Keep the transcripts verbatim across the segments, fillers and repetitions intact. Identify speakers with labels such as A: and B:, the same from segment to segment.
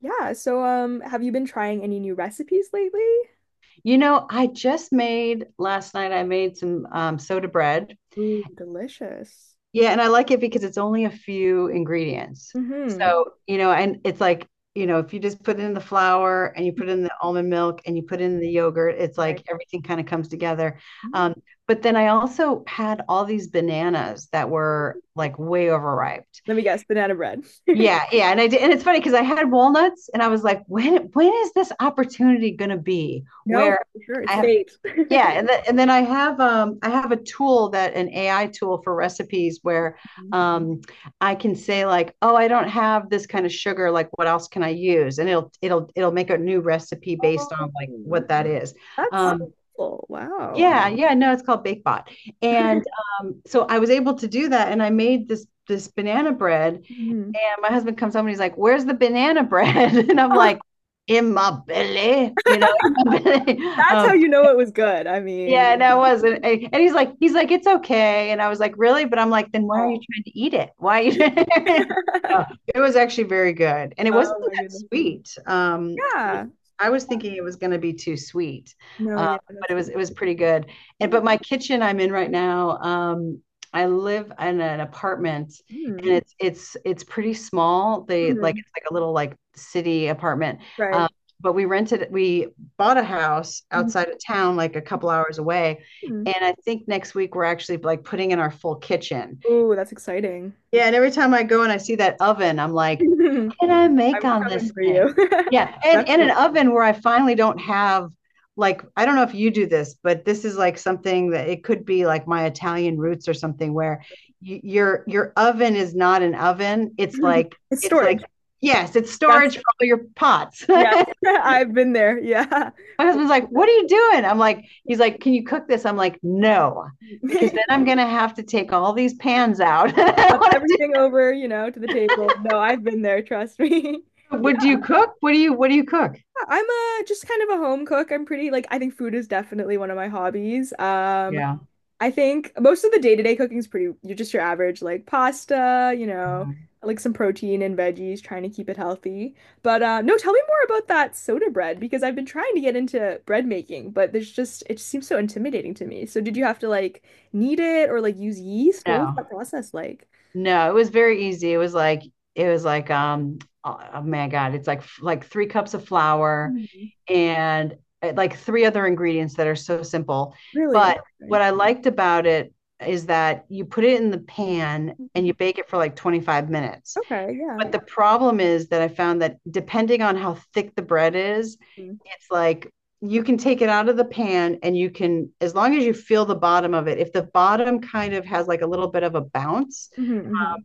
A: Yeah, so um, have you been trying any new recipes lately?
B: You know, I just made last night, I made some um, soda bread.
A: Ooh, delicious.
B: Yeah, and I like it because it's only a few ingredients.
A: Mm-hmm.
B: So, you know, and it's like, you know, if you just put in the flour and you put in the almond milk and you put in the yogurt, it's
A: Right.
B: like everything kind of comes together.
A: Mm.
B: Um, but then I also had all these bananas that were like way overripe.
A: Let me guess, banana bread.
B: Yeah, yeah, and I did, and it's funny because I had walnuts, and I was like, when when is this opportunity going to be
A: No,
B: where
A: for sure,
B: I
A: it's
B: have.
A: fake.
B: Yeah, and then and then I have um I have a tool that an A I tool for recipes where
A: Mhm.
B: um I can say like, "Oh, I don't have this kind of sugar, like what else can I use?" And it'll it'll it'll make a new recipe
A: Oh,
B: based on like
A: wow.
B: what that is.
A: That's so
B: Um
A: cool. Wow.
B: yeah, yeah, no, it's called BakeBot. And um so I was able to do that and I made this this banana bread and
A: Mhm.
B: my husband comes home and he's like, "Where's the banana bread?" And I'm
A: Oh,
B: like, in my belly, you know, in my belly.
A: that's how
B: Um,
A: you know it was good. I mean,
B: yeah, no, it wasn't. I- And he's like, he's like, it's okay. And I was like, really? But I'm like, then why are you
A: oh.
B: trying to eat it? Why are you? It was actually very good. And it wasn't
A: Oh my
B: that
A: goodness.
B: sweet. Um,
A: Yeah.
B: I was thinking it was going to be too sweet,
A: No,
B: uh,
A: yeah,
B: but
A: that's
B: it
A: what.
B: was it was pretty good. And
A: Yeah.
B: but my kitchen I'm in right now, um, I live in an apartment
A: Mm.
B: and it's it's it's pretty small. They like
A: Mhm.
B: it's like a little like city apartment. Um,
A: Right.
B: but we rented we bought a house
A: Mhm.
B: outside of town like a couple hours away,
A: Mm.
B: and I think next week we're actually like putting in our full kitchen.
A: Ooh, that's exciting.
B: Yeah, and every time I go and I see that oven, I'm like, can I make
A: I'm
B: on this
A: coming for
B: thing?
A: you.
B: Yeah, and in an
A: Definitely.
B: oven where I finally don't have, like, I don't know if you do this, but this is like something that it could be like my Italian roots or something where y- your your oven is not an oven. It's like
A: It's
B: it's like
A: storage.
B: yes, it's
A: Yes.
B: storage for all your pots.
A: Yes.
B: My
A: I've been there. Yeah.
B: husband's like, "What are you doing?" I'm like, he's like, "Can you cook this?" I'm like, "No." Because then I'm gonna have to take all these pans out. I don't
A: Up
B: wanna do-
A: everything over, you know, to the table. No, I've been there, trust me. Yeah,
B: what do you cook? What do you what do you cook?
A: I'm a just kind of a home cook. I'm pretty like I think food is definitely one of my hobbies. Um,
B: Yeah.
A: I think most of the day-to-day cooking is pretty, you're just your average like pasta, you know,
B: Mhm.
A: like some protein and veggies, trying to keep it healthy. But uh, no, tell me more about that soda bread because I've been trying to get into bread making, but there's just, it just seems so intimidating to me. So did you have to like knead it or like use yeast? What was
B: No,
A: that process like?
B: No, it was very easy. It was like it was like um oh, oh my God, it's like like three cups of flour
A: Mhm.
B: and uh, like three other ingredients that are so simple.
A: Really?
B: But
A: Okay.
B: what I liked about it is that you put it in the pan and you
A: Hmm.
B: bake it for like twenty-five minutes.
A: Okay, yeah.
B: But the problem is that I found that depending on how thick the bread is,
A: Mm.
B: it's like you can take it out of the pan and you can, as long as you feel the bottom of it, if the bottom kind of has like a little bit of a bounce,
A: Hmm.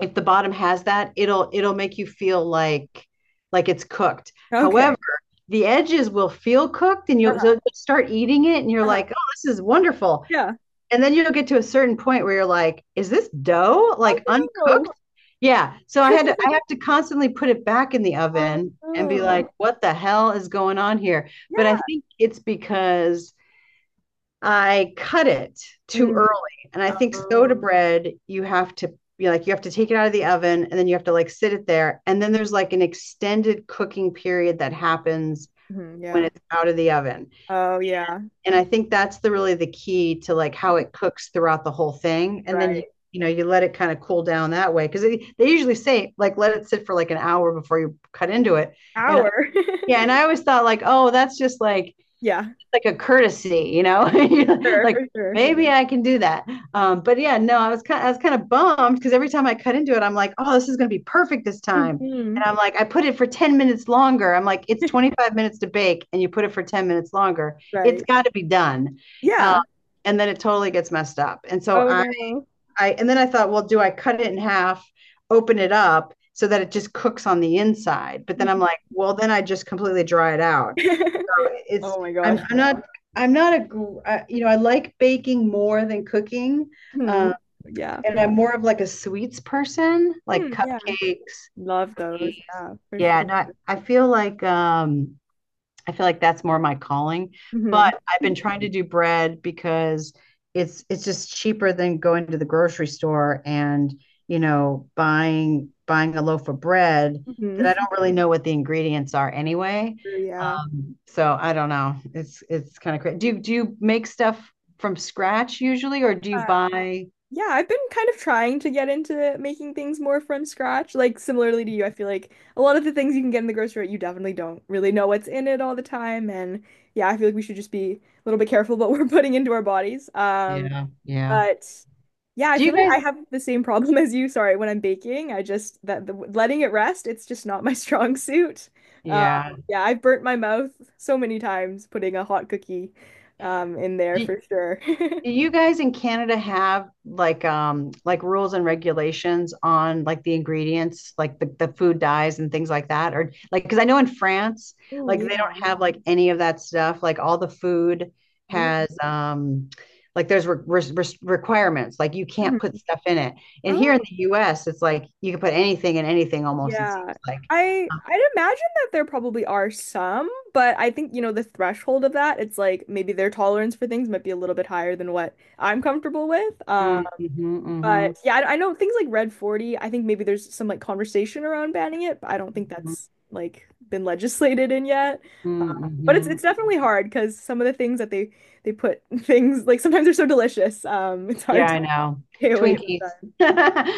B: if the bottom has that, it'll it'll make you feel like like it's cooked.
A: Okay.
B: However, the edges will feel cooked and you
A: Uh-huh.
B: so start eating it and you're
A: Uh-huh.
B: like, "Oh, this is wonderful."
A: Yeah.
B: And then you'll get to a certain point where you're like, "Is this dough
A: Oh
B: like uncooked?"
A: no.
B: Yeah. So I had to, I have to constantly put it back in the
A: Oh
B: oven and be
A: no.
B: like, "What the hell is going on here?" But I
A: Yeah.
B: think it's because I cut it too
A: Mm.
B: early. And I think
A: Oh,
B: soda bread, you have to, you like you have to take it out of the oven and then you have to like sit it there. And then there's like an extended cooking period that happens
A: mhm,
B: when
A: yeah.
B: it's out of the oven.
A: Oh yeah,
B: And I think that's the really the key to like how it cooks throughout the whole thing. And then you
A: right.
B: you know, you let it kind of cool down that way because they, they usually say like let it sit for like an hour before you cut into it. And
A: Hour.
B: yeah, and I always thought like, oh, that's just like
A: Yeah,
B: like a courtesy, you know,
A: sure,
B: like
A: for sure.
B: maybe I can do that. Um, but yeah, no, I was kind, of, I was kind of bummed because every time I cut into it, I'm like, oh, this is gonna be perfect this time. And
A: Hmm.
B: I'm like, I put it for ten minutes longer. I'm like, it's twenty-five minutes to bake, and you put it for ten minutes longer. It's
A: Right.
B: got to be done. Um,
A: Yeah.
B: and then it totally gets messed up. And so
A: Oh
B: I,
A: no.
B: I, and then I thought, well, do I cut it in half, open it up so that it just cooks on the inside? But then I'm
A: Mhm.
B: like, well, then I just completely dry it out. It's,
A: Oh my
B: I'm,
A: gosh.
B: I'm not I'm not a uh, you know, I like baking more than cooking,
A: Hmm.
B: uh,
A: Yeah,
B: and
A: for sure.
B: I'm more of like a sweets person, like
A: Hmm, yeah.
B: cupcakes.
A: Love those. Yeah, for sure.
B: Yeah, no, I, I feel like um, I feel like that's more my calling.
A: Hmm.
B: But I've been trying to do bread because it's it's just cheaper than going to the grocery store and you know buying buying a loaf of bread that I
A: Hmm.
B: don't really know what the ingredients are anyway.
A: True, yeah.
B: So I don't know. It's it's kind of crazy. Do you do you make stuff from scratch usually, or do you buy?
A: Yeah, I've been kind of trying to get into making things more from scratch. Like similarly to you, I feel like a lot of the things you can get in the grocery, store, you definitely don't really know what's in it all the time. And yeah, I feel like we should just be a little bit careful what we're putting into our bodies. Um,
B: Yeah, yeah.
A: but yeah, I
B: Do you
A: feel like I
B: guys?
A: have the same problem as you. Sorry, when I'm baking, I just that the letting it rest, it's just not my strong suit. Um,
B: Yeah.
A: yeah, I've burnt my mouth so many times putting a hot cookie um in there
B: Do,
A: for sure.
B: Do you guys in Canada have like um like rules and regulations on like the ingredients, like the, the food dyes and things like that? Or like because I know in France,
A: Oh
B: like they don't
A: yeah,
B: have like any of that stuff. Like all the food
A: really.
B: has um like there's re re requirements. Like you can't put stuff in it. And here in
A: Mhm.
B: the U S, it's like you can put anything in anything almost, it
A: Yeah.
B: seems like.
A: I I'd imagine that there probably are some, but I think, you know, the threshold of that, it's like maybe their tolerance for things might be a little bit higher than what I'm comfortable with. Uh,
B: Mm, mhm, mhm,
A: but yeah, I, I know things like Red forty, I think maybe there's some like conversation around banning it, but I don't think
B: mhm,
A: that's like been legislated in yet.
B: mhm,
A: But it's
B: mhm.
A: it's definitely hard because some of the things that they they put things like sometimes they're so delicious. Um, it's
B: Yeah,
A: hard to
B: I know.
A: stay away
B: Twinkies.
A: sometimes.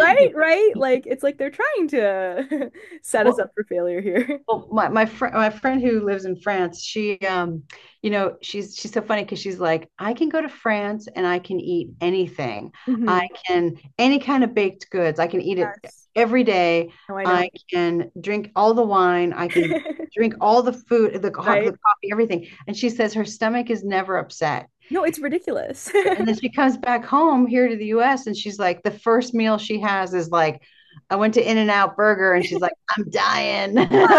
A: Right, right? Like it's like they're trying to set us
B: Well,
A: up for failure here.
B: well, my my friend my friend who lives in France, she um, you know, she's she's so funny because she's like, I can go to France and I can eat anything. I
A: Hmm.
B: can any kind of baked goods. I can eat it
A: Yes.
B: every day.
A: No, I know.
B: I can drink all the wine. I can drink all the food, the, co- the
A: Right?
B: coffee, everything. And she says her stomach is never upset.
A: No, it's ridiculous.
B: And then she comes back home here to the U S and she's like, the first meal she has is like, I went to In-N-Out Burger and she's like, I'm dying.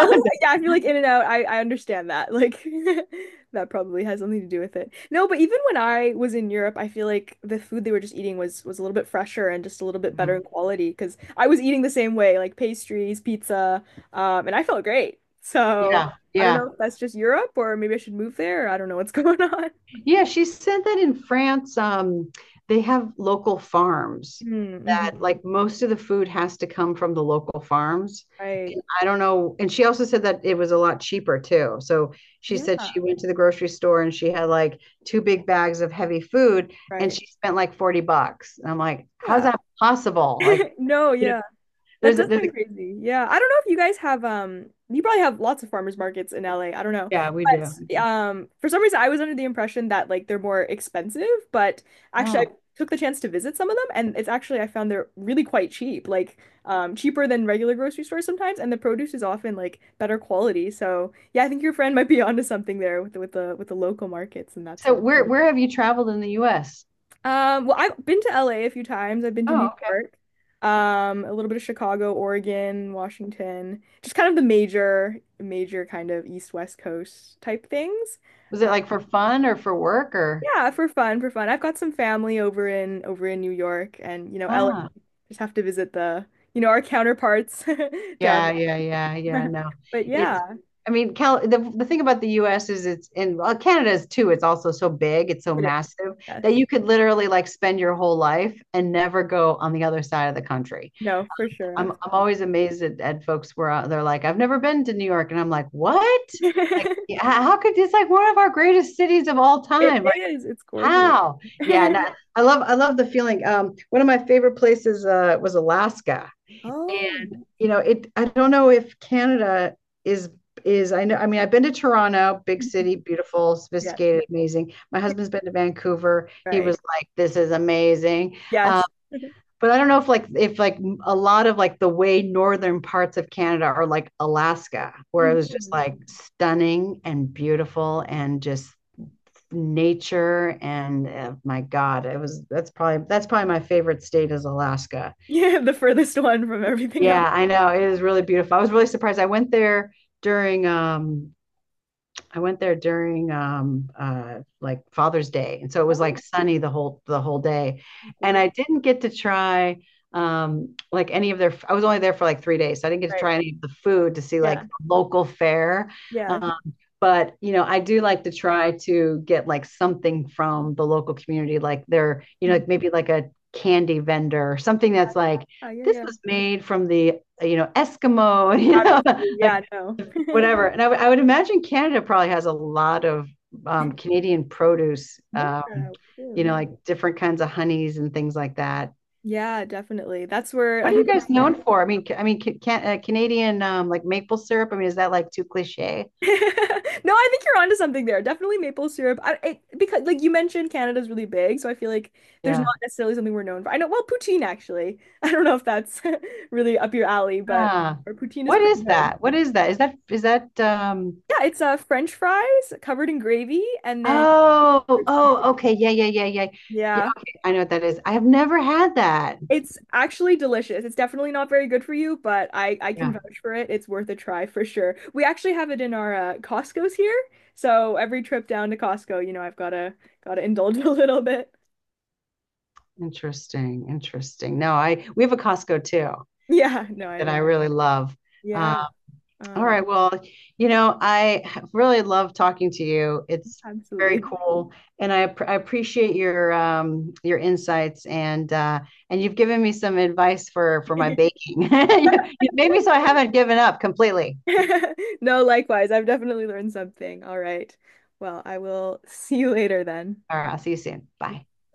A: Well, yeah, I feel like In and Out, I, I understand that. Like that probably has something to do with it. No, but even when I was in Europe, I feel like the food they were just eating was was a little bit fresher and just a little bit better in quality because I was eating the same way, like pastries, pizza, um, and I felt great. So
B: Yeah,
A: I don't
B: yeah.
A: know if that's just Europe or maybe I should move there. Or I don't know what's going on.
B: Yeah, she said that in France, um, they have local farms that
A: Mm-hmm.
B: like most of the food has to come from the local farms.
A: Right.
B: And I don't know. And she also said that it was a lot cheaper too. So she
A: Yeah,
B: said she went to the grocery store and she had like two big bags of heavy food and
A: right.
B: she spent like forty bucks. And I'm like, how's
A: Yeah.
B: that possible? Like,
A: No,
B: you know,
A: yeah. That
B: there's a,
A: does
B: there's a,
A: sound crazy. Yeah. I don't know if you guys have um you probably have lots of farmers markets in L A. I don't know.
B: yeah, we do. We
A: But
B: do.
A: um for some reason I was under the impression that like they're more expensive, but actually I
B: Oh,
A: took the chance to visit some of them and it's actually I found they're really quite cheap, like um cheaper than regular grocery stores sometimes and the produce is often like better quality. So, yeah, I think your friend might be onto something there with the, with the with the local markets and that
B: so
A: sort of
B: where, where have you traveled in the U S?
A: um, well, I've been to LA a a few times. I've been to New
B: Oh,
A: York, um, a little bit of Chicago, Oregon, Washington, just kind of the major, major kind of east west coast type things.
B: was it
A: Uh,
B: like for fun or for work or?
A: yeah, for fun, for fun. I've got some family over in over in New York, and you know, L A
B: Ah,
A: just have to visit the you know our counterparts down
B: yeah, yeah, yeah, yeah.
A: there.
B: No,
A: But
B: it's.
A: yeah,
B: I mean, Cal. The the thing about the U S is it's in, well, Canada is too. It's also so big. It's so
A: it is.
B: massive that
A: Yes,
B: you could literally like spend your whole life and never go on the other side of the country.
A: no, for sure.
B: I'm
A: I'm...
B: I'm always amazed at, at folks where uh, they're like, I've never been to New York, and I'm like, what? Like, yeah, how could, it's like one of our greatest cities of all
A: It
B: time. Like,
A: is. It's gorgeous.
B: how? Yeah, and I I love I love the feeling. Um, one of my favorite places uh, was Alaska. And
A: Oh,
B: you know, it I don't know if Canada is is I know, I mean I've been to Toronto, big city, beautiful,
A: yes,
B: sophisticated, amazing. My husband's been to Vancouver. He
A: right.
B: was like, "This is amazing." Uh,
A: Yes.
B: but I don't know if like if like a lot of like the way northern parts of Canada are like Alaska, where it was just
A: Mhm.
B: like stunning and beautiful and just nature and uh, my god, it was, that's probably that's probably my favorite state is Alaska.
A: Yeah, the furthest one from everything else.
B: Yeah, I know it is really beautiful. I was really surprised. I went there during um I went there during um uh like Father's Day. And so it
A: Oh
B: was like
A: yeah,
B: sunny the whole the whole day.
A: I'm
B: And
A: bored.
B: I didn't get to try um like any of their, I was only there for like three days. So I didn't get to
A: Right.
B: try any of the food to see
A: Yeah.
B: like local fare.
A: Yes.
B: Um but you know, I do like to try to get like something from the local community like their, you know,
A: Mhm.
B: like maybe like a candy vendor or something that's like
A: Oh yeah,
B: this
A: yeah.
B: was made from the, you know, Eskimo, you know,
A: Absolutely.
B: like
A: Yeah, no.
B: whatever. And I would- would imagine Canada probably has a lot of um, Canadian produce,
A: Yeah,
B: um,
A: we do,
B: you know,
A: yeah.
B: like different kinds of honeys and things like that.
A: Yeah, definitely. That's where I
B: What are you
A: think the
B: guys
A: farm
B: known for? I
A: work.
B: mean, ca- I mean, ca- can, uh, Canadian um, like maple syrup. I mean, is that like too cliche?
A: No, I think you're onto something there. Definitely maple syrup. I, it, because like you mentioned, Canada's really big, so I feel like there's
B: Yeah.
A: not necessarily something we're known for. I know, well, poutine actually. I don't know if that's really up your alley, but
B: Ah,
A: our poutine is
B: what
A: pretty
B: is
A: good.
B: that? What is that? Is that is that? Um,
A: Yeah, it's uh French fries covered in gravy and then
B: oh,
A: curds on
B: oh,
A: top.
B: okay, yeah, yeah, yeah, yeah, yeah.
A: Yeah.
B: Okay, I know what that is. I have never had that.
A: It's actually delicious. It's definitely not very good for you, but I I can
B: Yeah,
A: vouch for it. It's worth a try for sure. We actually have it in our uh, Costco's here. So every trip down to Costco, you know, I've gotta gotta indulge a little bit.
B: interesting, interesting. No, I we have a Costco too
A: Yeah, no, I
B: that I
A: imagine.
B: really love. Um,
A: Yeah,
B: all
A: uh,
B: right. Well, you know, I really love talking to you. It's very
A: absolutely.
B: cool, and I, I appreciate your um, your insights and uh, and you've given me some advice for for my baking. You made me so I haven't given up completely.
A: No, likewise. I've definitely learned something. All right. Well, I will see you later then.
B: All right. I'll see you soon. Bye.